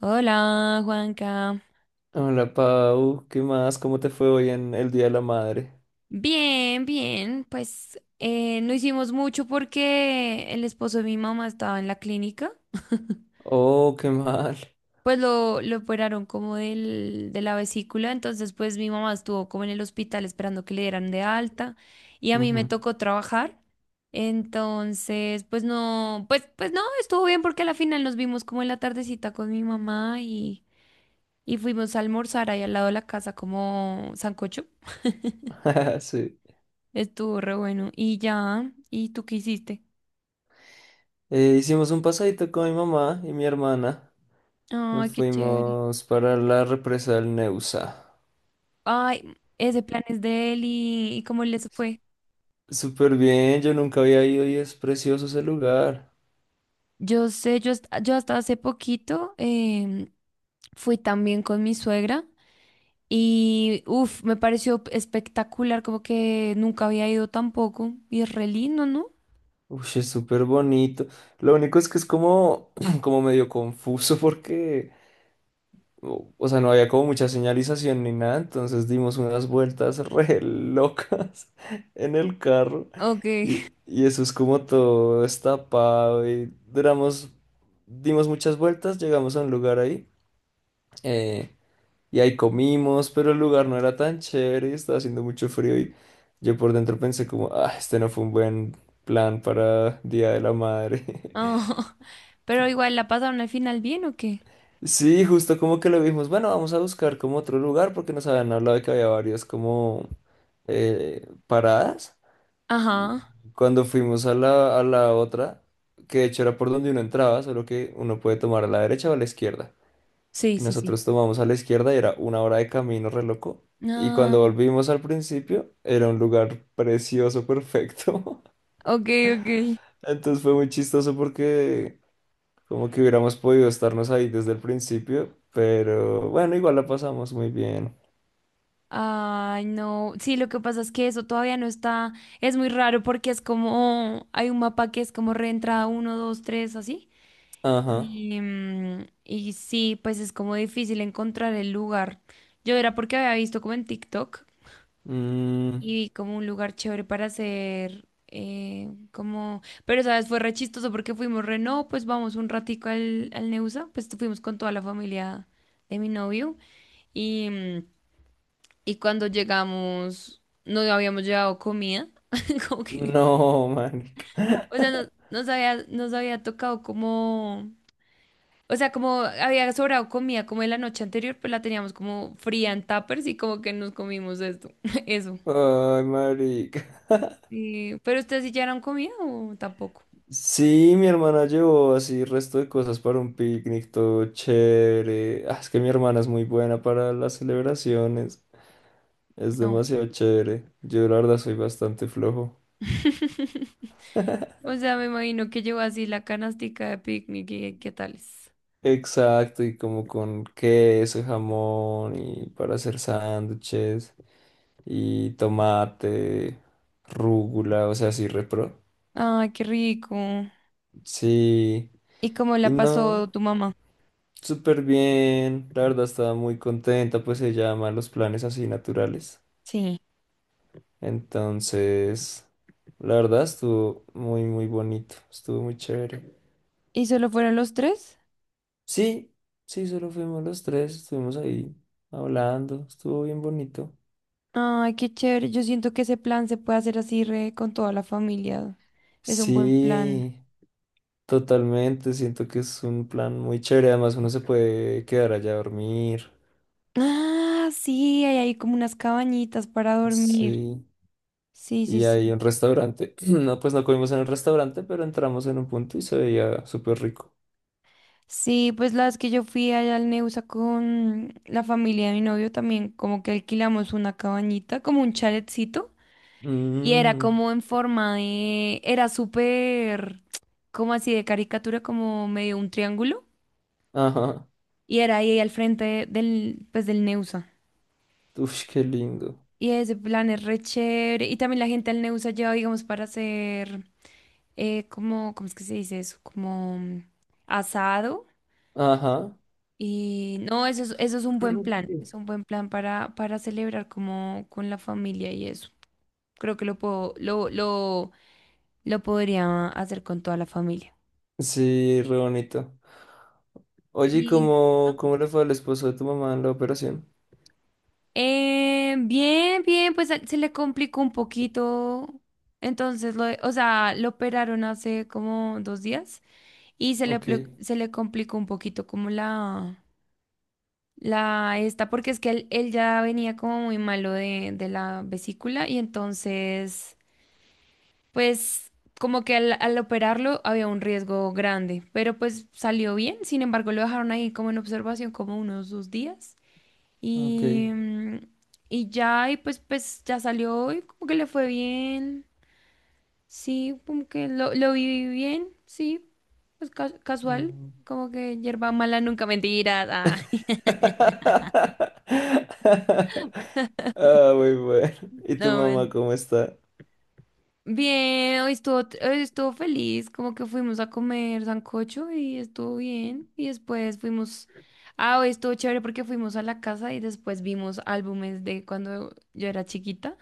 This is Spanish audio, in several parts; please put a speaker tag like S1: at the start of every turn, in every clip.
S1: Hola, Juanca.
S2: Hola Pau, ¿qué más? ¿Cómo te fue hoy en el Día de la Madre?
S1: Bien, bien. Pues no hicimos mucho porque el esposo de mi mamá estaba en la clínica.
S2: Oh, qué mal.
S1: Pues lo operaron como de la vesícula, entonces pues mi mamá estuvo como en el hospital esperando que le dieran de alta y a mí me
S2: Ujú.
S1: tocó trabajar. Entonces, pues no, pues no, estuvo bien porque a la final nos vimos como en la tardecita con mi mamá y fuimos a almorzar ahí al lado de la casa como sancocho.
S2: Sí.
S1: Estuvo re bueno. Y ya, ¿y tú qué hiciste?
S2: Hicimos un pasadito con mi mamá y mi hermana. Nos
S1: Ay, qué chévere.
S2: fuimos para la represa del Neusa.
S1: Ay, ese plan es de él. ¿Y cómo les fue?
S2: Súper bien, yo nunca había ido y es precioso ese lugar.
S1: Yo sé, yo hasta hace poquito fui también con mi suegra y uff, me pareció espectacular, como que nunca había ido tampoco. Y es re lindo, ¿no?
S2: Uy, es súper bonito. Lo único es que es como, como medio confuso porque o sea, no había como mucha señalización ni nada, entonces dimos unas vueltas re locas en el carro
S1: Ok.
S2: y eso es como todo destapado y duramos, dimos muchas vueltas, llegamos a un lugar ahí eh, y ahí comimos, pero el lugar no era tan chévere y estaba haciendo mucho frío y yo por dentro pensé como, ah, este no fue un buen plan para Día de la Madre.
S1: Ah, pero igual, ¿la pasaron al final bien o qué?
S2: Sí, justo como que lo vimos. Bueno, vamos a buscar como otro lugar porque nos habían hablado de que había varias como paradas. Y
S1: Ajá.
S2: cuando fuimos a la otra, que de hecho era por donde uno entraba, solo que uno puede tomar a la derecha o a la izquierda.
S1: Sí,
S2: Y
S1: sí, sí.
S2: nosotros tomamos a la izquierda y era una hora de camino re loco. Y
S1: Ah,
S2: cuando volvimos al principio, era un lugar precioso, perfecto.
S1: ok, ok.
S2: Entonces fue muy chistoso porque como que hubiéramos podido estarnos ahí desde el principio, pero bueno, igual la pasamos muy bien.
S1: Ay, no. Sí, lo que pasa es que eso todavía no está. Es muy raro porque es como. Hay un mapa que es como reentrada uno, 2, 3, así.
S2: Ajá.
S1: Y sí, pues es como difícil encontrar el lugar. Yo era porque había visto como en TikTok
S2: Mm,
S1: y vi como un lugar chévere para hacer. Como. Pero, ¿sabes? Fue re chistoso porque fuimos re. No, pues vamos un ratico al Neusa. Pues fuimos con toda la familia de mi novio. Y. mm, y cuando llegamos, no habíamos llevado comida, como que,
S2: no, marica.
S1: o sea, nos había tocado como, o sea, como había sobrado comida como de la noche anterior, pues la teníamos como fría en tuppers y como que nos comimos esto, eso.
S2: Ay, marica.
S1: ¿Pero ustedes sí llevaron comida o tampoco?
S2: Sí, mi hermana llevó así resto de cosas para un picnic, todo chévere. Ah, es que mi hermana es muy buena para las celebraciones. Es
S1: No.
S2: demasiado chévere. Yo la verdad soy bastante flojo.
S1: O sea, me imagino que llevó así la canastica de picnic y qué tales.
S2: Exacto, y como con queso, jamón y para hacer sándwiches, y tomate, rúgula, o sea, así repro.
S1: Ay, qué rico.
S2: Sí,
S1: ¿Y cómo
S2: y
S1: la
S2: no,
S1: pasó tu mamá?
S2: súper bien. La verdad estaba muy contenta, pues se llama los planes así naturales.
S1: Sí.
S2: Entonces, la verdad estuvo muy, muy bonito, estuvo muy chévere.
S1: ¿Y solo fueron los tres?
S2: Sí, sí, solo fuimos los tres, estuvimos ahí hablando, estuvo bien bonito.
S1: Ay, qué chévere. Yo siento que ese plan se puede hacer así re con toda la familia. Es un buen plan.
S2: Sí, totalmente, siento que es un plan muy chévere, además uno se puede quedar allá a dormir.
S1: Ah, sí, hay ahí como unas cabañitas para dormir.
S2: Sí,
S1: Sí, sí,
S2: y hay
S1: sí.
S2: un restaurante. No, pues no comimos en el restaurante, pero entramos en un punto y se veía súper rico.
S1: Sí, pues la vez que yo fui allá al Neusa con la familia de mi novio también, como que alquilamos una cabañita, como un chaletcito, y era
S2: Mm,
S1: como en forma de, era súper, como así de caricatura, como medio un triángulo,
S2: ajá.
S1: y era ahí al frente del Neusa.
S2: Uf, qué lindo.
S1: Y ese plan es re chévere. Y también la gente al Neusa lleva, digamos, para hacer, como, ¿cómo es que se dice eso? Como asado.
S2: Ajá.
S1: Y no, eso es un buen plan. Es un buen plan para celebrar como con la familia y eso. Creo que lo puedo, lo podría hacer con toda la familia.
S2: Sí, re bonito. Oye, ¿y
S1: Y
S2: ¿cómo,
S1: ah,
S2: cómo le fue al esposo de tu mamá en la operación?
S1: Bien, bien, pues se le complicó un poquito. Entonces, o sea, lo operaron hace como 2 días. Y se le,
S2: Ok,
S1: plo- se le complicó un poquito como la esta, porque es que él ya venía como muy malo de la vesícula y entonces, pues como que al operarlo había un riesgo grande, pero pues salió bien, sin embargo lo dejaron ahí como en observación como unos 2 días
S2: ok.
S1: y, mm, y ya, y pues ya salió y como que le fue bien. Sí, como que lo viví bien, sí, pues casual,
S2: Mm.
S1: como que hierba mala nunca mentiras. Ah,
S2: Ah, muy bueno. ¿Y tu
S1: no,
S2: mamá cómo está?
S1: bien, hoy estuvo feliz, como que fuimos a comer sancocho y estuvo bien. Y después fuimos, ah, hoy estuvo chévere porque fuimos a la casa y después vimos álbumes de cuando yo era chiquita.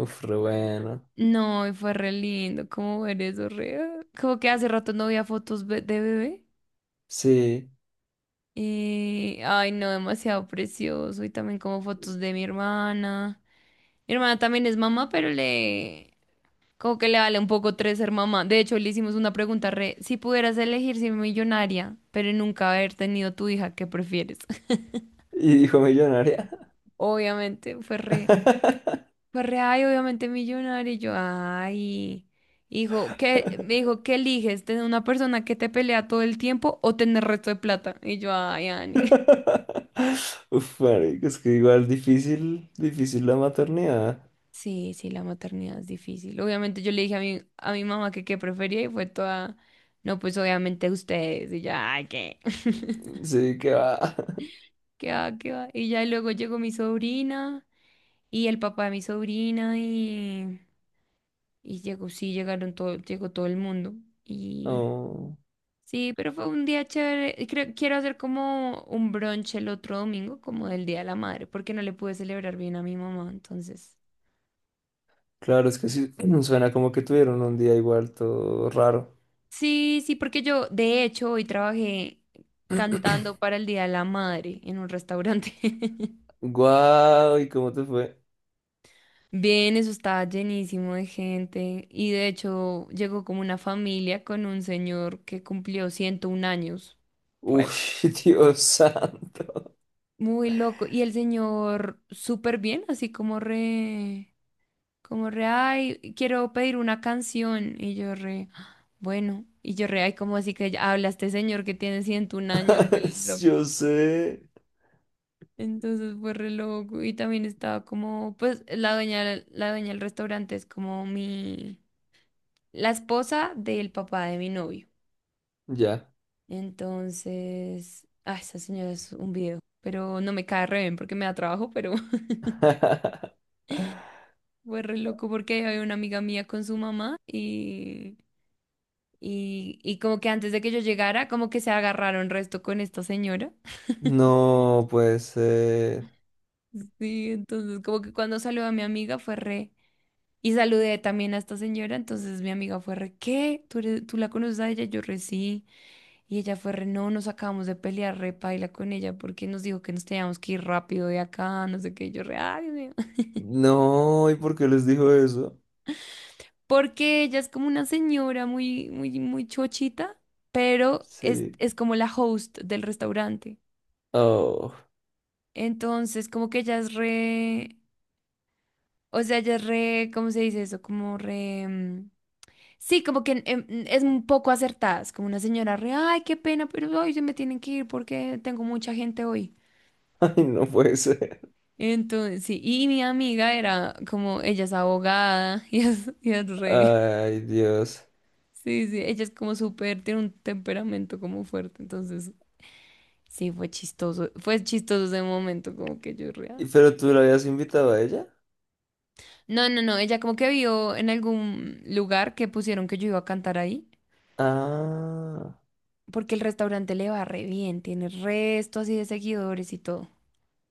S2: Uf, re bueno.
S1: No, y fue re lindo, como ver eso, re. Como que hace rato no veía fotos de bebé.
S2: Sí.
S1: Y, ay, no, demasiado precioso. Y también como fotos de mi hermana. Mi hermana también es mamá, pero le. Como que le vale un poco tres ser mamá. De hecho, le hicimos una pregunta re. Si pudieras elegir ser millonaria, pero nunca haber tenido tu hija, ¿qué prefieres?
S2: ¿Y hijo millonaria?
S1: Obviamente, fue re. Fue re, ay, obviamente millonaria. Y yo, ay. Hijo, ¿qué? Me dijo, ¿qué eliges? ¿Tener una persona que te pelea todo el tiempo o tener resto de plata? Y yo, ay, Ani.
S2: Uf, marico, es que igual difícil, difícil la maternidad.
S1: Sí, sí, la maternidad es difícil. Obviamente yo le dije a mi mamá que qué prefería y fue toda, no, pues obviamente ustedes. Y ya, ay, ¿qué?
S2: Sí, que va.
S1: ¿Qué va, qué va? Y ya luego llegó mi sobrina y el papá de mi sobrina y llegó, sí, llegaron todo, llegó todo el mundo. Y
S2: Oh,
S1: sí, pero fue un día chévere. Y creo, quiero hacer como un brunch el otro domingo, como del Día de la Madre, porque no le pude celebrar bien a mi mamá, entonces.
S2: claro, es que sí, suena como que tuvieron un día igual todo raro.
S1: Sí, sí, porque yo de hecho hoy trabajé cantando para el Día de la Madre en un restaurante.
S2: Guau, ¿y cómo te fue?
S1: Bien, eso estaba llenísimo de gente y de hecho llegó como una familia con un señor que cumplió 101 años. Re
S2: Uy,
S1: loco.
S2: Dios santo.
S1: Muy loco. Y el señor súper bien, así como re, ay, quiero pedir una canción. Y yo re: "Ah, bueno", y yo re, ay, como así que ya habla este señor que tiene 101 años, re.
S2: Yo sé.
S1: Entonces fue re loco. Y también estaba como, pues la dueña, la dueña del restaurante es como la esposa del papá de mi novio.
S2: Ya.
S1: Entonces, ah, esa señora es un video, pero no me cae re bien porque me da trabajo, pero fue re loco porque había una amiga mía con su mamá y como que antes de que yo llegara, como que se agarraron resto con esta señora.
S2: No puede ser.
S1: Sí, entonces como que cuando salió a mi amiga fue re. Y saludé también a esta señora, entonces mi amiga fue re, ¿qué? ¿Tú la conoces a ella? Yo re, sí. Y ella fue re, no, nos acabamos de pelear, re paila con ella, porque nos dijo que nos teníamos que ir rápido de acá, no sé qué. Y yo re, ay, Dios mío.
S2: No, ¿y por qué les dijo eso?
S1: Porque ella es como una señora muy, muy, muy chochita, pero es,
S2: Sí.
S1: es como la host del restaurante.
S2: Oh,
S1: Entonces, como que ella es re, o sea, ella es re, ¿cómo se dice eso? Como re. Mm, sí, como que es un poco acertadas, como una señora re, ay, qué pena, pero hoy se me tienen que ir porque tengo mucha gente hoy.
S2: ay, no puede ser.
S1: Entonces, sí, y mi amiga era como, ella es abogada, y es re,
S2: Ay, Dios.
S1: sí, sí, ella es como súper, tiene un temperamento como fuerte, entonces, sí, fue chistoso ese momento, como que yo re, ah.
S2: ¿Y pero tú la habías invitado a ella?
S1: No, no, no, ella como que vio en algún lugar que pusieron que yo iba a cantar ahí,
S2: Ah,
S1: porque el restaurante le va re bien, tiene resto así de seguidores y todo.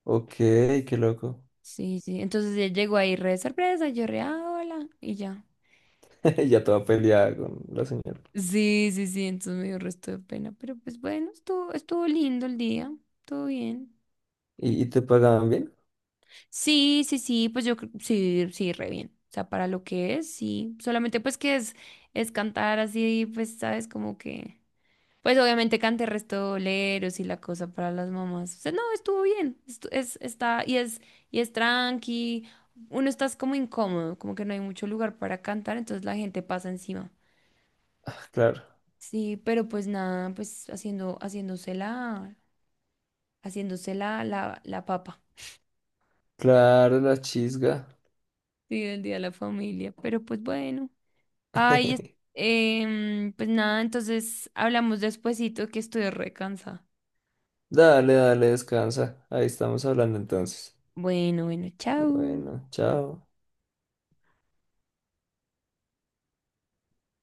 S2: ok, qué loco.
S1: Sí, sí. Entonces él llegó ahí re de sorpresa, yo re, "Ah, hola", y ya.
S2: Ya toda peleada con la señora.
S1: Sí, sí, sí, entonces me dio resto de pena, pero pues bueno, estuvo lindo el día, todo bien.
S2: Y te pagaban bien?
S1: Sí, sí, sí, pues yo sí, sí, re bien. O sea, para lo que es, sí. Solamente pues que es, cantar así, pues, sabes, como que. Pues obviamente canté restoleros y la cosa para las mamás. O sea, no, estuvo bien. Es, está, y es tranqui. Uno estás como incómodo, como que no hay mucho lugar para cantar, entonces la gente pasa encima.
S2: Ah, claro,
S1: Sí, pero pues nada, pues haciéndose la papa.
S2: claro, la chisga.
S1: Sí, el día de la familia. Pero pues bueno. Ay, pues nada, entonces hablamos despuesito que estoy recansada.
S2: Dale, dale, descansa. Ahí estamos hablando entonces.
S1: Bueno, bueno, chao.
S2: Bueno, chao.